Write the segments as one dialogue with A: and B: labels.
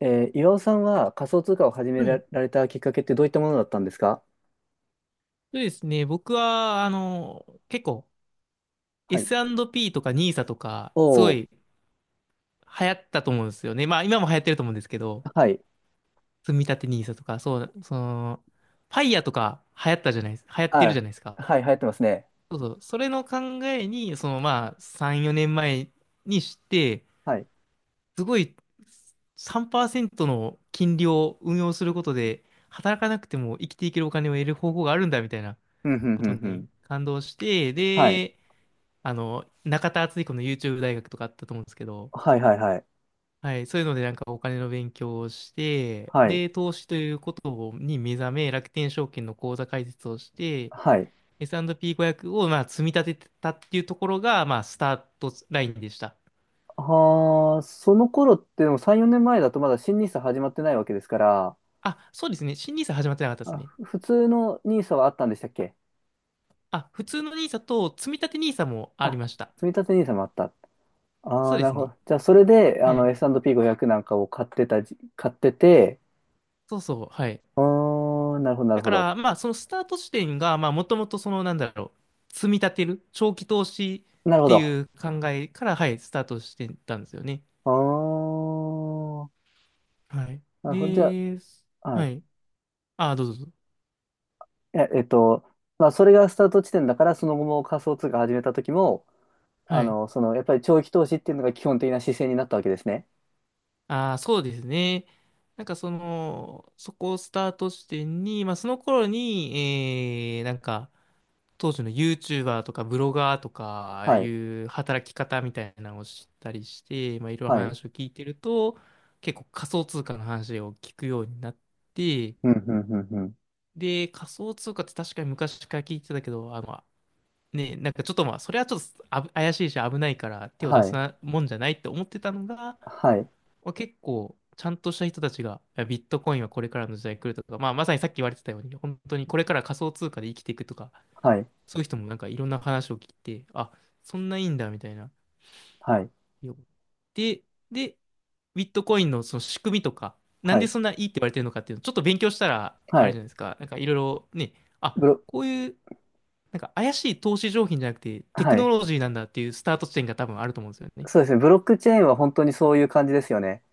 A: 岩尾さんは仮想通貨を始め
B: は
A: ら
B: い。
A: られたきっかけってどういったものだったんですか？
B: そうですね。僕は、結構
A: はい。
B: S&P とかニーサとか、
A: お
B: すご
A: お、
B: い流行ったと思うんですよね。まあ今も流行ってると思うんですけど、
A: はい。
B: 積み立てニーサとか、そう、その、ファイヤーとか流行ってるじゃ
A: あ、
B: ないですか。
A: はい、流行ってますね。
B: そうそう。それの考えに、そのまあ3、4年前にして、
A: はい。
B: すごい3%の金利を運用することで、働かなくても生きていけるお金を得る方法があるんだみたいな
A: うん、うん、う
B: こと
A: ん、うん。
B: に感動して、
A: はい。
B: で、あの、中田敦彦の YouTube 大学とかあったと思うんですけど、
A: はい、はい、はい。
B: はい、そういうのでなんかお金の勉強をして、
A: はい。
B: で、投資ということに目覚め、楽天証券の口座開設をして、
A: はい。
B: S&P500 をまあ積み立ててたっていうところが、まあ、スタートラインでした。
A: はあ、その頃ってでも3、4年前だとまだ新ニーサ始まってないわけですから。
B: あ、そうですね。新ニーサ始まってなかったです
A: あ、
B: ね。
A: ふ普通のニーサはあったんでしたっけ？
B: あ、普通のニーサと積み立てニーサもあり
A: あ、
B: ました。
A: 積み立てニーサもあった。あ
B: そ
A: あ、
B: うで
A: なる
B: す
A: ほ
B: ね。
A: ど。じゃあ、それで、あ
B: は
A: の、
B: い。
A: S&P500 なんかを買ってたじ、買ってて。
B: そうそう。はい。
A: あーなるほど、なる
B: だ
A: ほ
B: か
A: ど。
B: ら、まあ、そのスタート地点が、まあ、もともとその、なんだろう、積み立てる、長期投資
A: なる
B: っ
A: ほ
B: てい
A: ど。
B: う考えから、はい、スタートしてたんですよね。
A: ああ、
B: はい。
A: なるほど。じゃ
B: で、
A: あ、は
B: は
A: い。
B: い。ああ、どうぞどうぞ。
A: え、えっと、まあ、それがスタート地点だから、その後も仮想通貨始めた時も、あ
B: はい。
A: の、その、やっぱり長期投資っていうのが基本的な姿勢になったわけですね。
B: ああ、そうですね。なんかその、そこをスタート地点に、まあ、その頃に、なんか、当時の YouTuber とかブロガーとか、ああ
A: は
B: い
A: い。
B: う働き方みたいなのを知ったりして、まあ、いろいろ
A: はい。うん、
B: 話を聞いてると、結構仮想通貨の話を聞くようになって、
A: うん、うん、うん。
B: で、仮想通貨って確かに昔から聞いてたけど、あの、ね、なんかちょっとまあ、それはちょっと怪しいし危ないから手を出
A: は
B: す
A: い。
B: なもんじゃないって思ってたのが、
A: はい。
B: まあ、結構、ちゃんとした人たちが、いやビットコインはこれからの時代来るとか、まあ、まさにさっき言われてたように、本当にこれから仮想通貨で生きていくとか、
A: はい。
B: そういう人もなんかいろんな話を聞いて、あ、そんないいんだみたいな。
A: はい。
B: よで、で、ビットコインのその仕組みとか、なん
A: は
B: で
A: い。
B: そんないいって言われてるのかっていうのをちょっと勉強したら、あ
A: は
B: れじ
A: い。
B: ゃないですか、なんかいろいろね、あ、
A: ブロ、
B: こういう、なんか怪しい投資商品じゃなくてテク
A: は
B: ノ
A: い。
B: ロジーなんだっていうスタート地点が多分あると思うんですよね。
A: そうですね。ブロックチェーンは本当にそういう感じですよね。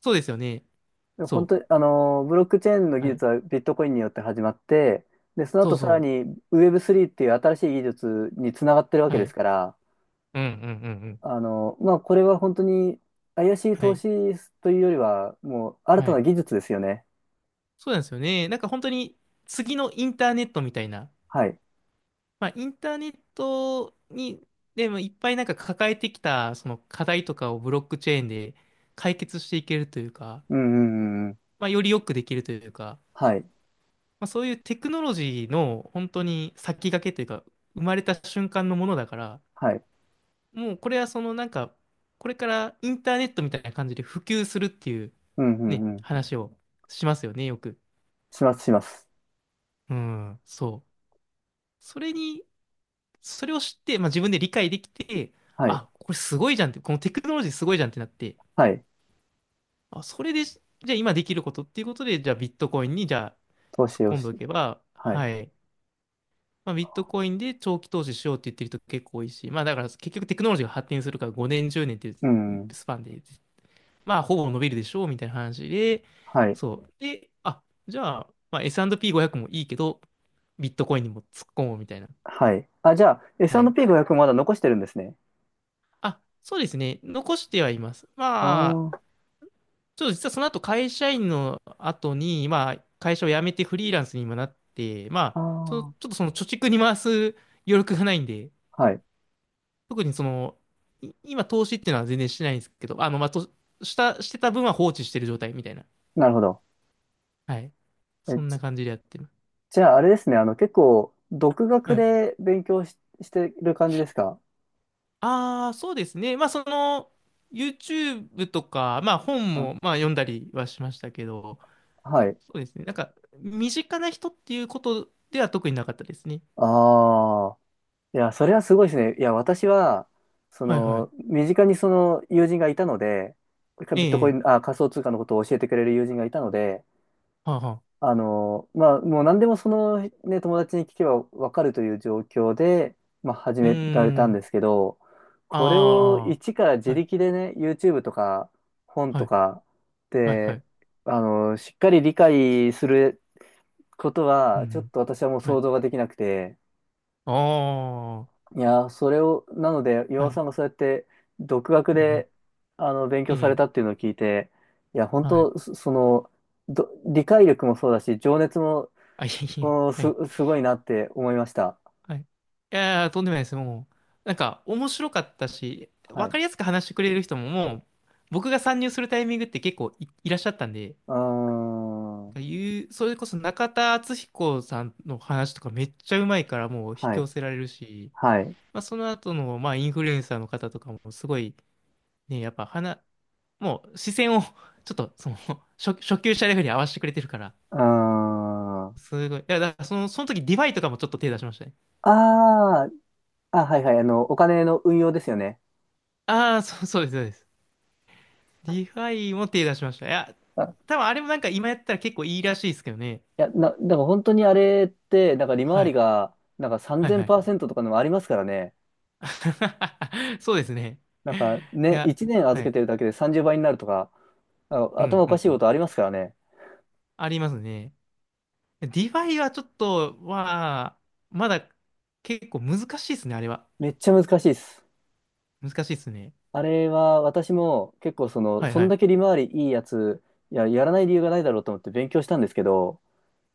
B: そうですよね。
A: で本
B: そ
A: 当に、あの、ブロックチェーンの
B: う。
A: 技
B: はい。
A: 術はビットコインによって始まって、で、その
B: そ
A: 後
B: う
A: さら
B: そ
A: にウェブ3っていう新しい技術につながってるわ
B: う。
A: け
B: は
A: で
B: い。
A: すから、
B: うんうんうんうん。
A: あの、まあ、これは本当に怪しい
B: は
A: 投
B: い。
A: 資というよりは、もう新
B: は
A: たな
B: い。
A: 技術ですよね。
B: そうなんですよね。なんか本当に次のインターネットみたいな、
A: はい。
B: まあ、インターネットに、でもいっぱいなんか抱えてきた、その課題とかをブロックチェーンで解決していけるというか、
A: うんうんうんうん。
B: まあ、よりよくできるというか、
A: はい。
B: まあ、そういうテクノロジーの本当に先駆けというか、生まれた瞬間のものだから、
A: はい。
B: もうこれはそのなんか、これからインターネットみたいな感じで普及するっていう
A: うんうん
B: ね、
A: うん。
B: 話をしますよね、よく。
A: します、します。
B: うん、そう。それにそれを知って、まあ、自分で理解できて、
A: はい。
B: あ、これすごいじゃんって、このテクノロジーすごいじゃんってなって、
A: はい。
B: あ、それで、じゃあ今できることっていうことで、じゃあビットコインにじゃあ
A: 投
B: 突っ
A: 資を
B: 込んでお
A: し、
B: けば、
A: はい。
B: はい。まあ、ビットコインで長期投資しようって言ってる人結構多いし、まあだから結局テクノロジーが発展するから5年、10年っていう
A: うん。
B: スパンで、まあほぼ伸びるでしょうみたいな話で、
A: はい。
B: そう。で、あ、じゃあ、まあ、S&P500 もいいけど、ビットコインにも突っ込もうみたいな。
A: はい。あ、じゃあ、
B: はい。
A: S&P500 まだ残してるんですね。
B: あ、そうですね。残してはいます。まあ、
A: あ
B: ちょっと実はその後会社員の後に、まあ、会社を辞めてフリーランスに今なって、ま
A: あ、あ
B: あ、そちょっ
A: あ。
B: とその貯蓄に回す余力がないんで、
A: はい。
B: 特にその、今投資っていうのは全然してないんですけど、あの、まあ、と、した、してた分は放置してる状態みたいな。
A: なるほど。
B: はい。
A: え、
B: そんな
A: じ
B: 感じでやってる。
A: じゃあ、あれですね。あの、結構、独学
B: はい。
A: で勉強し、してる感じですか？
B: ああ、そうですね。まあ、その、YouTube とか、まあ、本
A: あ、
B: も、まあ、読んだりはしましたけど、
A: はい。
B: そうですね。なんか、身近な人っていうことでは特になかったですね。
A: ああ。いや、それはすごいですね。いや、私は、そ
B: はいは
A: の、
B: い。
A: 身近にその友人がいたので、ビ
B: え
A: ットコイ
B: え、
A: ン、あ、仮想通貨のことを教えてくれる友人がいたので、
B: はあ、はあ。
A: あの、まあ、もう何でもそのね、友達に聞けばわかるという状況で、まあ、始
B: うー
A: められたん
B: ん。
A: ですけど、これを
B: あ
A: 一から自
B: あ。はい、
A: 力でね、YouTube とか本
B: は
A: と
B: い、
A: か
B: はい、は
A: で、
B: い。
A: あの、しっかり理解すること
B: うん、う
A: は、ちょっ
B: ん
A: と私はもう
B: は
A: 想
B: い。
A: 像ができなくて。
B: ああ。は
A: いや、それを、なので、
B: い、
A: 岩尾
B: は
A: さんがそうやって独学
B: い、はい。
A: で、あの、勉
B: え
A: 強され
B: え、
A: たっていうのを聞いて、いや、本
B: はい。
A: 当、そその、ど理解力もそうだし、情熱も
B: あ、いえいえ、
A: おー、
B: はい、
A: す、すごいなって思いました。
B: はい。いやー、とんでもないです。もう、なんか、面白かったし、
A: は
B: わか
A: い。
B: りやすく話してくれる人も、もう、僕が参入するタイミングって結構いらっしゃったんで、
A: うーん。は
B: それこそ中田敦彦さんの話とかめっちゃうまいからもう引き
A: い。
B: 寄せられるし、
A: はい。う
B: まあ、その後の、まあ、インフルエンサーの方とかもすごい、ね、やっぱ話、もう視線を ちょっとその 初級者レベルに合わせてくれてるから、
A: ーん。あ
B: すごい。いや、だからその、その時ディファイとかもちょっと手出しましたね。
A: あ、あ、はいはい。あの、お金の運用ですよね。
B: ああ、そうです、そうです。ディファイも手出しました。いや、
A: あ、い
B: 多分あれもなんか今やったら結構いいらしいですけどね。
A: や、な、だから本当にあれって、なんか利回
B: は
A: り
B: い。
A: が、なんか
B: はいはい。
A: 3000%とかのもありますからね。
B: そうですね。
A: なんか
B: い
A: ね、
B: や、
A: 1年預
B: は
A: け
B: い。
A: てるだけで30倍になるとか、なんか
B: う
A: 頭
B: ん
A: お
B: う
A: かし
B: ん
A: い
B: う
A: こ
B: ん。
A: とありますからね。
B: ありますね。ディファイはちょっと、まだ結構難しいですね、あれは。
A: めっちゃ難しいです。
B: 難しいですね。
A: あれは私も結構その、
B: はい
A: そ
B: は
A: んだ
B: い。
A: け利回りいいやつ、いや、やらない理由がないだろうと思って勉強したんですけど、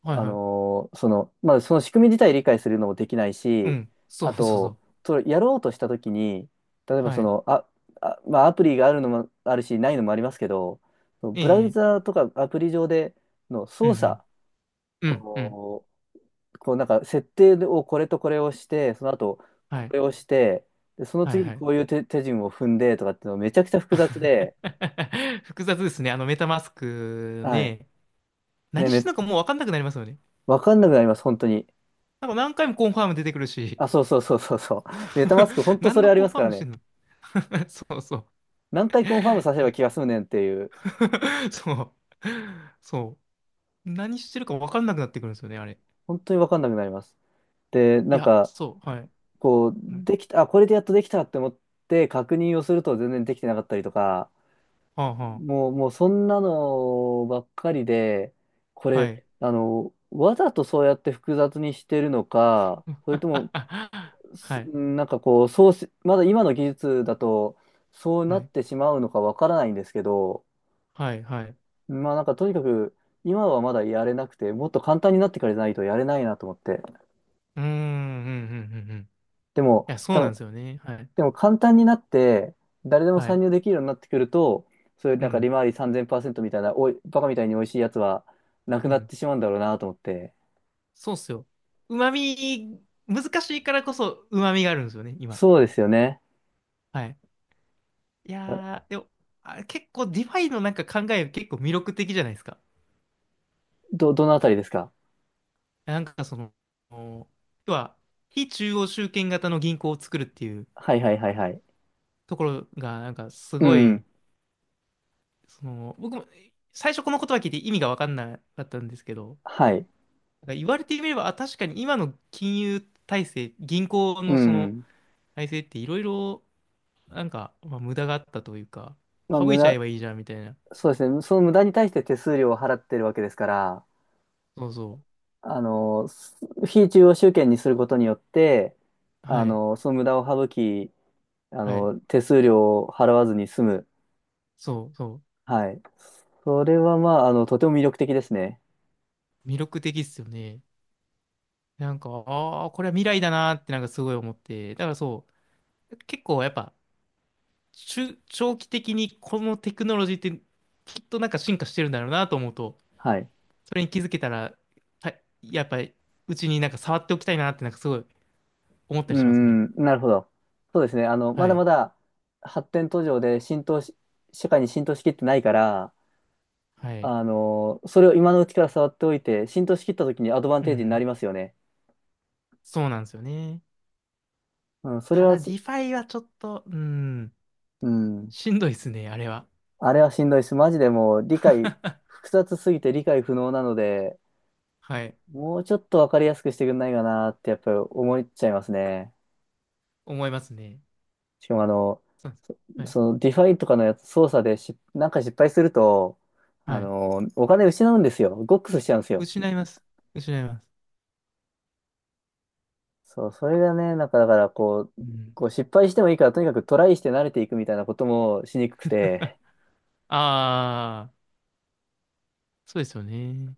B: はい
A: あ
B: はい。
A: のーその、まあ、その仕組み自体理解するのもできない
B: う
A: し、
B: ん。そう
A: あ
B: そうそ
A: と、
B: う。
A: それやろうとしたときに、例えば
B: は
A: そ
B: い。
A: の、あ、あ、まあ、アプリがあるのもあるし、ないのもありますけど、そのブラウ
B: ええ
A: ザーとかアプリ上での
B: う
A: 操
B: ん
A: 作、
B: うん。うんうん。
A: こう、こうなんか設定をこれとこれをして、その後こ
B: はい。
A: れをして、で、その
B: はい
A: 次に
B: はい。
A: こういう手、手順を踏んでとかっていうのめちゃくちゃ複雑で。
B: 複雑ですね。あのメタマスク
A: はい。
B: ね。
A: ね、
B: 何してん
A: め、
B: のかもうわかんなくなりますよね。
A: わかんなくなります、本当に。
B: なんか何回もコンファーム出てくるし。
A: あ、そうそうそうそうそう。メタマスク、本当そ
B: 何
A: れ
B: の
A: あり
B: コン
A: ます
B: ファ
A: か
B: ー
A: ら
B: ムして
A: ね。
B: んの。 そうそう。
A: 何回
B: い
A: コンファームさせれば
B: や
A: 気が済むねんっていう。
B: そう。そう。何してるかわかんなくなってくるんですよね、あれ。
A: 本当に分かんなくなります。で、
B: い
A: なん
B: や、
A: か、
B: そう、はい。
A: こう、
B: うん
A: できた、あ、これでやっとできたって思って確認をすると全然できてなかったりとか、
B: はあは
A: もう、もうそんなのばっかりで、こ
B: あ、はい。
A: れ、あの、わざとそうやって複雑にしてるのか、それとも、
B: は
A: す
B: い、
A: なんかこう、そうし、まだ今の技術だと、そう
B: は
A: なっ
B: い、
A: てしまうのかわからないんですけど、
B: はい、はい。う
A: まあなんかとにかく、今はまだやれなくて、もっと簡単になってからじゃないとやれないなと思って。
B: ーん、うん、うん、うん。うん、
A: でも、
B: いや、そう
A: 多
B: なんで
A: 分、
B: すよね。はい、
A: でも簡単になって、誰でも
B: は
A: 参
B: い。
A: 入できるようになってくると、そういう
B: う
A: なんか
B: ん、
A: 利回り3000%みたいな、おい、バカみたいに美味しいやつはなく
B: う
A: なっ
B: ん。
A: てしまうんだろうなと思って。
B: そうっすよ。うまみ、難しいからこそ、うまみがあるんですよね、今。
A: そうですよね。
B: はい。い
A: あ
B: やー、でも、あ、結構、ディファイのなんか考え、結構魅力的じゃないですか。
A: ど、どのあたりですか？
B: なんか、その、要は、非中央集権型の銀行を作るっていう
A: はいはいはいはい。
B: ところが、なんか、す
A: う
B: ご
A: ん。
B: い、その、僕も最初この言葉聞いて意味が分かんなかったんですけど、
A: はい。
B: なんか言われてみれば、あ、確かに今の金融体制、銀行
A: う
B: のその
A: ん。
B: 体制っていろいろ、なんか、まあ、無駄があったというか、
A: まあ、
B: 省
A: 無
B: いちゃ
A: 駄、
B: えばいいじゃんみたいな。
A: そうですね。その無駄に対して手数料を払ってるわけですから、
B: そうそ
A: あの、す非中央集権にすることによって、
B: う。
A: あ
B: はい。
A: の、その無駄を省き、あ
B: はい。
A: の、手数料を払わずに済む。
B: そうそ
A: はい。それはまあ、あの、とても魅力的ですね。
B: う。魅力的っすよね。なんか、ああ、これは未来だなーってなんかすごい思って。だから結構やっぱ、中長期的にこのテクノロジーってきっとなんか進化してるんだろうなと思うと、
A: はい。
B: それに気づけたら、はい、やっぱり、うちになんか触っておきたいなってなんかすごい思った
A: う
B: りしますね。
A: ん、うん、なるほど。そうですね。あの、ま
B: は
A: だ
B: い。
A: まだ発展途上で浸透し、社会に浸透しきってないから、
B: はい。
A: あの、それを今のうちから触っておいて、浸透しきった時にアドバン
B: う
A: テージにな
B: ん。
A: りますよね。
B: そうなんですよね。
A: うん、それ
B: た
A: は
B: だ、デ
A: す、
B: ィファイはちょっと、うん、
A: うん、
B: しんどいですね、あれは。
A: あれはしんどいし、マジでもう理解、複雑すぎて理解不能なので、
B: はい。
A: もうちょっとわかりやすくしてくんないかなってやっぱり思っちゃいますね。
B: 思いますね。
A: しかもあの、
B: そうです。
A: そ、
B: はい。
A: そのディファイとかのやつ操作でし、なんか失敗すると、あ
B: はい。
A: の、お金失うんですよ。ゴックスしちゃうんですよ。
B: 失います。失います。
A: そう、それがね、なんかだからこう、
B: うん。
A: こう失敗してもいいからとにかくトライして慣れていくみたいなこともしにくくて、
B: ああ、そうですよね。